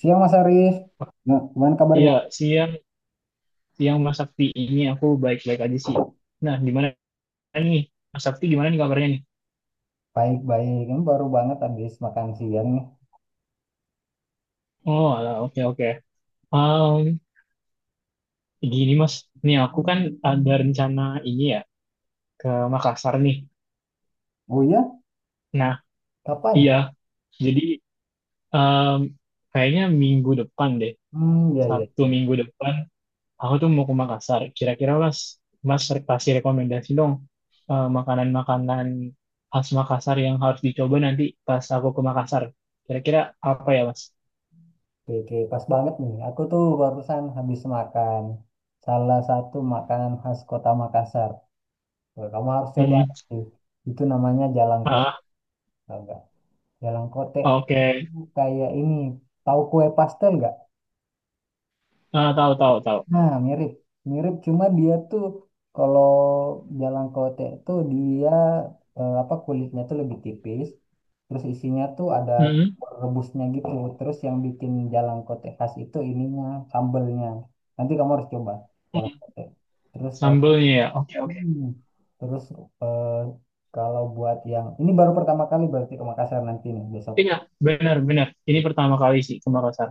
Siang Mas Arif, nah, gimana kabarnya? Iya, siang siang Mas Sakti, ini aku baik-baik aja sih. Nah, gimana nih? Mas Sakti gimana nih kabarnya nih? Baik-baik, ini baru banget habis makan siang nih. Oh, alah, oke oke. Um, Gini Mas, nih aku kan ada rencana ini ya ke Makassar nih. Oh iya, Nah, kapan? iya. Jadi um, kayaknya minggu depan deh, Hmm, ya ya Sabtu ya. minggu depan. Aku tuh mau ke Makassar. Kira-kira mas, kasih rekomendasi dong, makanan-makanan khas Makassar yang harus dicoba nanti pas aku ke Makassar. Kira-kira apa ya mas? Oke, oke, pas banget nih. Aku tuh barusan habis makan salah satu makanan khas Kota Makassar. Wah, kamu harus coba Mm-mm. sih. Itu namanya Jalangkote, Ah, tau nggak? Jalangkote itu oke. kayak ini, tahu kue pastel nggak? Ah, tahu tahu tahu. Nah, mirip. Mirip, cuma dia tuh kalau jalan kote itu dia, apa, kulitnya tuh lebih tipis. Terus isinya tuh ada Mm-mm. rebusnya gitu. Terus yang bikin jalan kote khas itu ininya, sambelnya. Nanti kamu harus coba jalan Mm. kote. Terus kalau Sambelnya ya. Oke oke. Hmm. terus eh, Kalau buat yang ini baru pertama kali berarti ke Makassar nanti nih besok. Iya, benar benar. Ini pertama kali sih ke Makassar.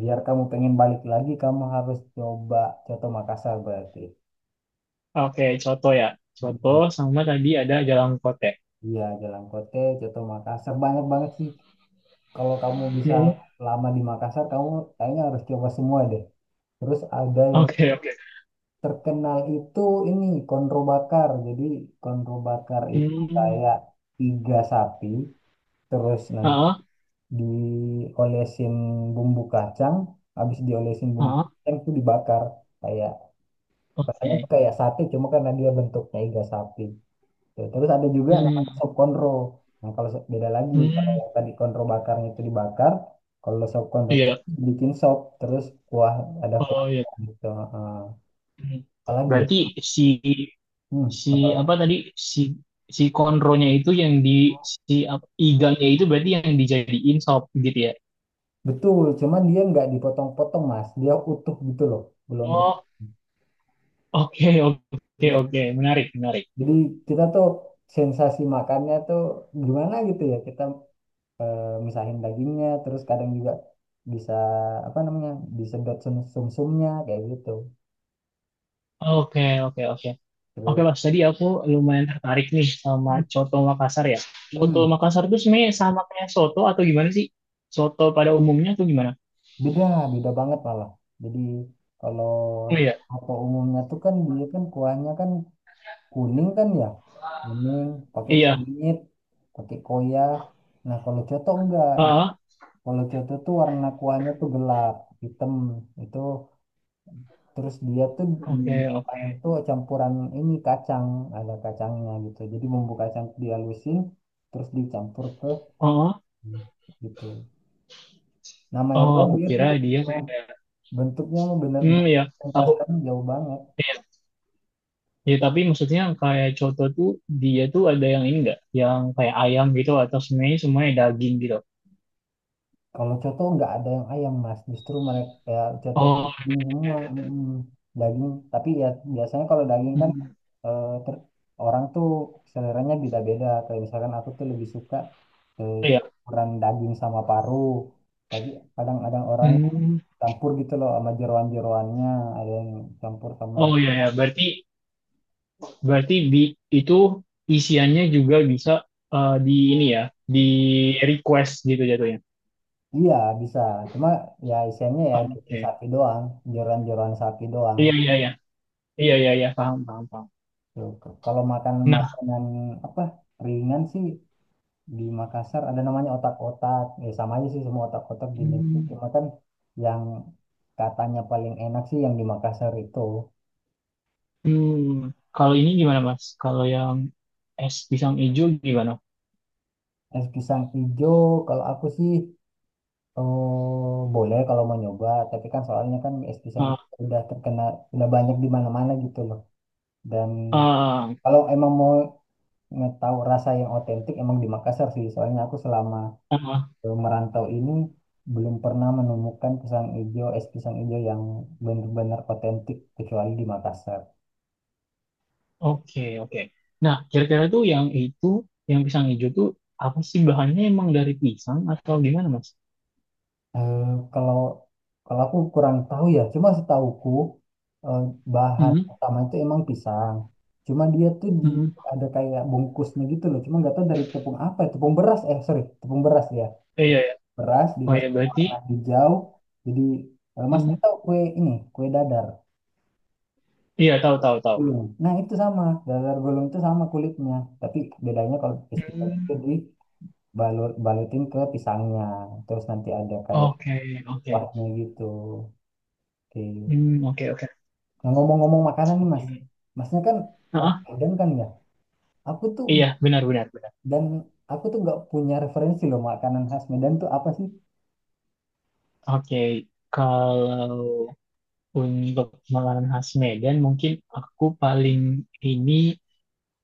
Biar kamu pengen balik lagi, kamu harus coba Coto Makassar berarti. Oke, coto ya. Coto Hmm. sama tadi ada jalan kote. Iya, Jalan Kote, Coto Makassar. Banyak banget sih. Kalau kamu bisa Mm, lama di Makassar, kamu kayaknya harus coba semua deh. Terus ada yang oke oke. terkenal itu ini, konro bakar. Jadi konro bakar itu Hmm. kayak iga sapi, terus Ah, nanti ah, diolesin bumbu kacang, habis diolesin bumbu ah. kacang itu dibakar. Kayak, rasanya tuh Oke. kayak sate, cuma karena dia bentuknya iga sapi. Tuh, terus ada juga Hmm. namanya sop konro. Nah, beda lagi, kalau Hmm. yang tadi konro bakarnya itu dibakar, kalau sop konro Iya. bikin sop, terus kuah ada kuah Oh ya. gitu. Heeh. Hmm. Apalagi? Ya? Berarti si Hmm, si Apalagi? apa tadi si si konronya itu yang di si apa, iganya itu berarti yang dijadiin sop gitu ya. Betul, cuman dia nggak dipotong-potong, Mas. Dia utuh gitu loh, belum. Oh, oke oke Iya, oke, menarik menarik. jadi kita tuh sensasi makannya tuh gimana gitu ya. Kita misahin dagingnya, terus kadang juga bisa apa namanya, disedot sum-sumnya kayak gitu. Oke oke oke. Oke Terus Mas, tadi aku lumayan tertarik nih sama coto Makassar ya. Coto Hmm. Makassar itu sebenarnya sama kayak soto atau gimana sih? Soto pada umumnya atau gimana? Beda, beda banget malah. Jadi kalau Oh iya, apa umumnya tuh kan dia kan kuahnya kan kuning kan ya, kuning pakai iya. kunyit, pakai koya. Nah, kalau coto enggak, Ah, kalau coto tuh warna kuahnya tuh gelap, hitam itu. Terus dia tuh di oke oke. kuahnya tuh campuran ini kacang, ada kacangnya gitu. Jadi bumbu kacang tuh dihalusin, terus dicampur ke Oh, gitu. Namanya oh, doang aku kira mirip. dia kayak. Bentuknya mah bener-bener Hmm, ya, aku perasaan jauh banget. iya. Ya, tapi maksudnya kayak coto tuh dia tuh ada yang ini enggak, yang kayak ayam gitu atau semuanya semuanya daging gitu. Kalau coto nggak ada yang ayam mas, justru mereka ya coto Oh, daging semua, iya. Daging. Tapi ya biasanya kalau daging kan Hmm, eh, ter- orang tuh seleranya beda-beda. Kayak misalkan aku tuh lebih suka iya. campuran daging sama paru. Tapi kadang-kadang orang Hmm. campur gitu loh sama jeroan-jeroannya, ada yang campur sama Oh iya ya, berarti berarti di itu isiannya juga bisa, di ini ya, di request gitu jatuhnya. Iya bisa, cuma ya isiannya ya daging Oke. sapi doang, jeroan-jeroan sapi doang. Iya iya iya. Iya iya iya, paham paham paham. Tuh, kalau makan Nah, makanan apa ringan sih di Makassar ada namanya otak-otak. Ya sama aja sih semua otak-otak di Indonesia. hmm, Cuma kan yang katanya paling enak sih yang di Makassar itu hmm, kalau ini gimana Mas? Kalau yang es pisang hijau gimana? es pisang ijo. Kalau aku sih boleh kalau mau nyoba. Tapi kan soalnya kan es pisang ijo Ah, udah banyak di mana-mana gitu loh. Dan ah, kalau emang mau ngetahu rasa yang otentik emang di Makassar sih. Soalnya aku selama Ah, merantau ini belum pernah menemukan pisang ijo, es pisang ijo yang benar-benar otentik kecuali di Makassar. oke, oke. Nah, kira-kira tuh yang itu, yang pisang hijau tuh apa sih bahannya, emang dari pisang atau gimana, Mas? Eh, kalau kalau aku kurang tahu ya, cuma setahuku eh, bahan Mm-mm, utama itu emang pisang. Cuma dia tuh di mm-mm, ada kayak bungkusnya gitu loh, cuma nggak tahu dari tepung apa, ya, tepung beras ya. eh, iya, ya. Beras Oh ya, dikasih berarti warna hijau. Jadi masnya mm-mm. tahu kue ini, kue dadar. Iya tahu tahu tahu. Iya. Nah itu sama, dadar gulung itu sama kulitnya, tapi bedanya kalau festival itu Hmm, di balutin ke pisangnya, terus nanti ada kayak oke, oke. kuahnya gitu. Oke. Hmm, oke, oke. Nah, ngomong-ngomong makanan nih Mas, Oke. Masnya kan orang Ah, Medan kan ya. Aku tuh iya, benar benar benar. dan aku tuh nggak punya referensi loh makanan khas Medan tuh apa sih? Oke, kalau untuk makanan khas Medan mungkin aku paling ini,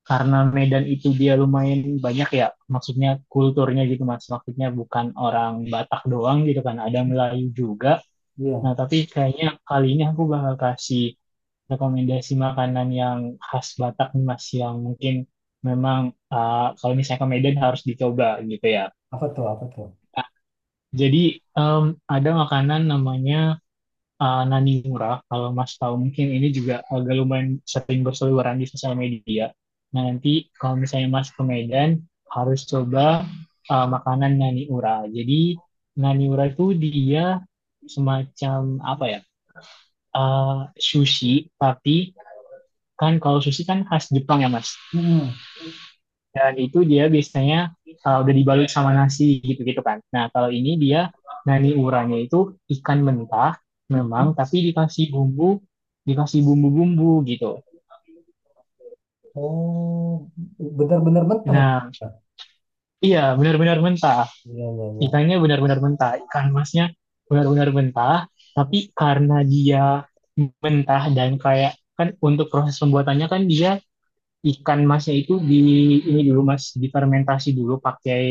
karena Medan itu dia lumayan banyak ya, maksudnya kulturnya gitu mas, maksudnya bukan orang Batak doang gitu kan, ada Melayu juga. Iya. Nah, tapi kayaknya kali ini aku bakal kasih rekomendasi makanan yang khas Batak nih mas, yang mungkin memang, kalau misalnya ke Medan harus dicoba gitu ya. Apa tuh? Apa tuh? Nah, jadi em, ada makanan namanya Nani Murah, kalau Mas tahu mungkin ini juga agak lumayan sering berseliweran di sosial media. Nah, nanti kalau misalnya Mas ke Medan, harus coba makanan Nani Murah. Jadi, Nani Murah itu dia semacam apa ya? eh, Sushi, tapi kan kalau sushi kan khas Jepang ya, Mas, Mm-mm. dan itu dia biasanya udah dibalut sama nasi gitu-gitu kan. Nah, kalau ini dia nani uranya itu ikan mentah Mm-mm. memang tapi dikasih bumbu-bumbu gitu. Oh, benar-benar mentah. Nah, iya benar-benar mentah. Iya iya iya. Ikannya benar-benar mentah. Ikan masnya benar-benar mentah, tapi karena dia mentah dan kayak kan untuk proses pembuatannya kan dia ikan masnya itu di ini dulu Mas, difermentasi dulu pakai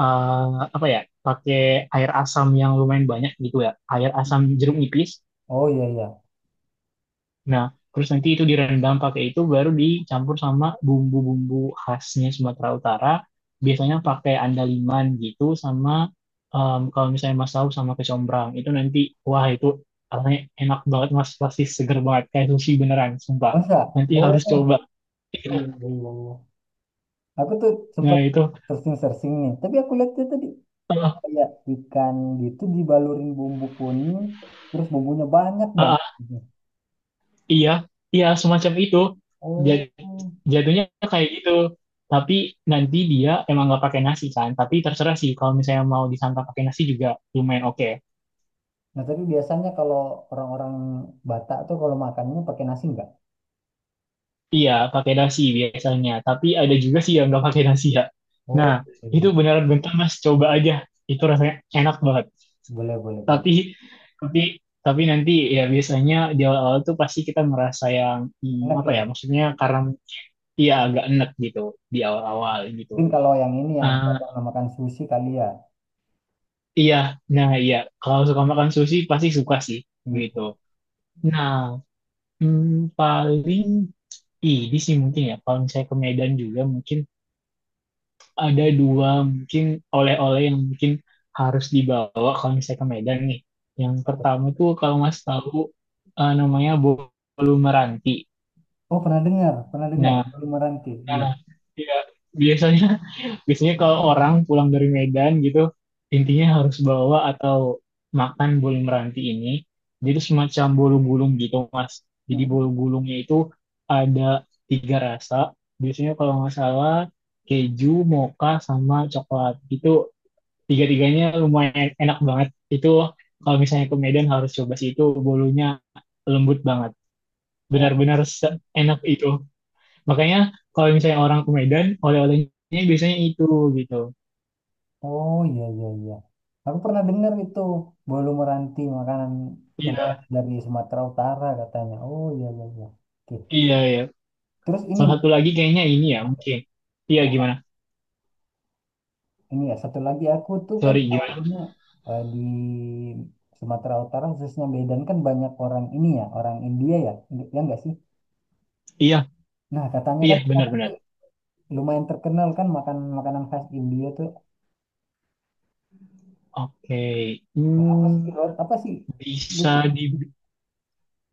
eh, apa ya, pakai air asam yang lumayan banyak gitu ya, air asam jeruk nipis. Oh iya iya. Nah, terus nanti itu direndam pakai itu baru dicampur sama bumbu-bumbu khasnya Sumatera Utara, biasanya pakai andaliman gitu sama kalau misalnya mas tahu sama kecombrang itu nanti, wah itu rasanya enak banget mas, pasti seger banget kayak sushi beneran sumpah. Masa? Nanti harus Oh coba. iya iya iya. Aku tuh Nah, sempat itu. searching-searching nih, tapi aku lihat tuh tadi Eh, kayak ikan gitu dibalurin bumbu kuning, terus bumbunya banyak eh, banget gitu. iya, iya semacam itu. Jadi Oh. jatuhnya kayak gitu. Tapi nanti dia emang nggak pakai nasi kan. Tapi terserah sih kalau misalnya mau disantap pakai nasi juga lumayan oke. Nah, tapi biasanya kalau orang-orang Batak tuh kalau makannya pakai nasi enggak? Iya, pakai nasi biasanya. Tapi ada juga sih yang nggak pakai nasi ya. Nah, Oh, itu iya. beneran bentar mas, coba aja. Itu rasanya enak banget. Boleh, boleh, boleh. Tapi, tapi, tapi, nanti ya biasanya di awal-awal tuh pasti kita merasa yang hmm, Enak apa ya? ya? Maksudnya karena iya agak enek gitu di awal-awal gitu. Mungkin kalau yang ini yang Ah, Batak namakan sushi kali ya. iya, nah iya. Kalau suka makan sushi pasti suka sih, gitu. Mm-mm. Nah, paling ini sih mungkin ya. Kalau misalnya ke Medan juga mungkin ada dua mungkin oleh-oleh yang mungkin harus dibawa kalau misalnya ke Medan nih. Yang pertama tuh kalau Mas tahu, namanya bolu meranti. Oh, pernah dengar, pernah dengar. Nah, Belum meranti, iya. nah, ya biasanya biasanya kalau orang pulang dari Medan gitu intinya harus bawa atau makan bolu meranti ini, jadi semacam bolu gulung gitu mas, jadi bolu Mm-mm. gulungnya itu ada tiga rasa biasanya kalau nggak salah, keju mocha sama coklat, itu tiga-tiganya lumayan enak banget. Itu kalau misalnya ke Medan harus coba sih, itu bolunya lembut banget, benar-benar enak itu, makanya kalau misalnya orang ke Medan oleh-olehnya biasanya itu gitu. Oh iya iya iya. Aku pernah dengar itu bolu meranti makanan oleh-oleh Iya, dari Sumatera Utara katanya. Oh iya iya iya. Oke. iya, iya. Terus ini Salah Mas, satu lagi kayaknya ini ya, mungkin. Iya, gimana? ini ya satu lagi aku tuh kan Sorry, gimana? tahunya di Sumatera Utara khususnya Medan kan banyak orang ini ya orang India ya, ya enggak sih? Iya, Nah, katanya kan iya, kita itu benar-benar. lumayan terkenal kan makan makanan khas India tuh Oke. apa sih, Hmm, apa sih, bisa lupa. di.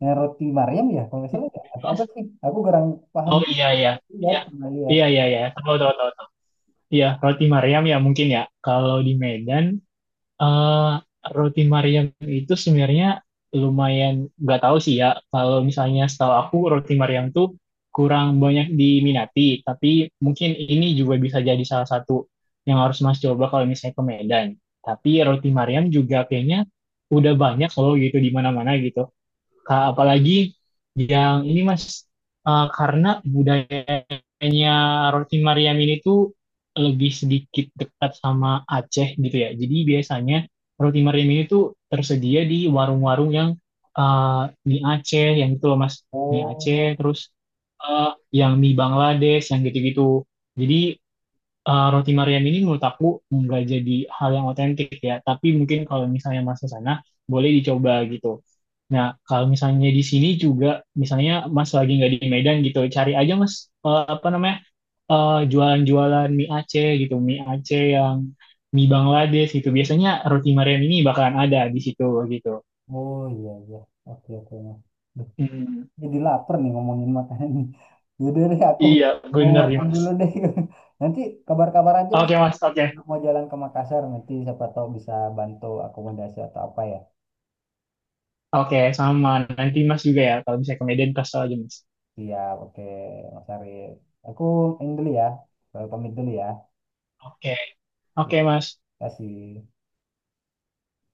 Roti Maryam ya kalau nggak salah ya atau apa sih? Aku kurang paham. Oh, iya, iya. Lihat, Iya, pernah lihat. iya, iya, iya. Tahu, tahu, tahu, tahu. Iya, roti Mariam ya mungkin ya. Kalau di Medan, Eh, roti Mariam itu sebenarnya lumayan, nggak tahu sih ya. Kalau misalnya setahu aku roti Mariam tuh kurang banyak diminati, tapi mungkin ini juga bisa jadi salah satu yang harus Mas coba kalau misalnya ke Medan. Tapi roti Mariam juga kayaknya udah banyak loh gitu di mana-mana gitu. Apalagi yang ini Mas, karena budayanya roti Mariam ini tuh lebih sedikit dekat sama Aceh gitu ya. Jadi biasanya roti Mariam ini tuh tersedia di warung-warung yang eh, mie Aceh yang gitu loh Mas. Mie Aceh Oh, terus eh, yang mie Bangladesh yang gitu-gitu. Jadi roti Mariam ini menurut aku nggak jadi hal yang otentik ya. Tapi mungkin kalau misalnya Mas ke sana boleh dicoba gitu. Nah, kalau misalnya di sini juga, misalnya Mas lagi nggak di Medan gitu, cari aja Mas, apa namanya, jualan-jualan mie Aceh gitu, mie Aceh yang mie Bangladesh gitu. Biasanya roti Mariam ini bakalan ada di situ gitu. oh iya iya. Oke oke. Mas. Duh, Hmm, jadi lapar nih ngomongin makanan ini. Yaudah deh aku iya, mau bener nih makan Mas. dulu deh. Nanti kabar-kabar aja Mas. Oke Mas, oke, Mau jalan ke Makassar nanti siapa tahu bisa bantu akomodasi atau apa ya. oke sama. Nanti Mas juga ya, kalau misalnya ke Medan kasih tau aja Mas. Siap, oke Mas Arif. Aku ini dulu ya. Pamit dulu ya. Oke, oke Mas. Terima kasih.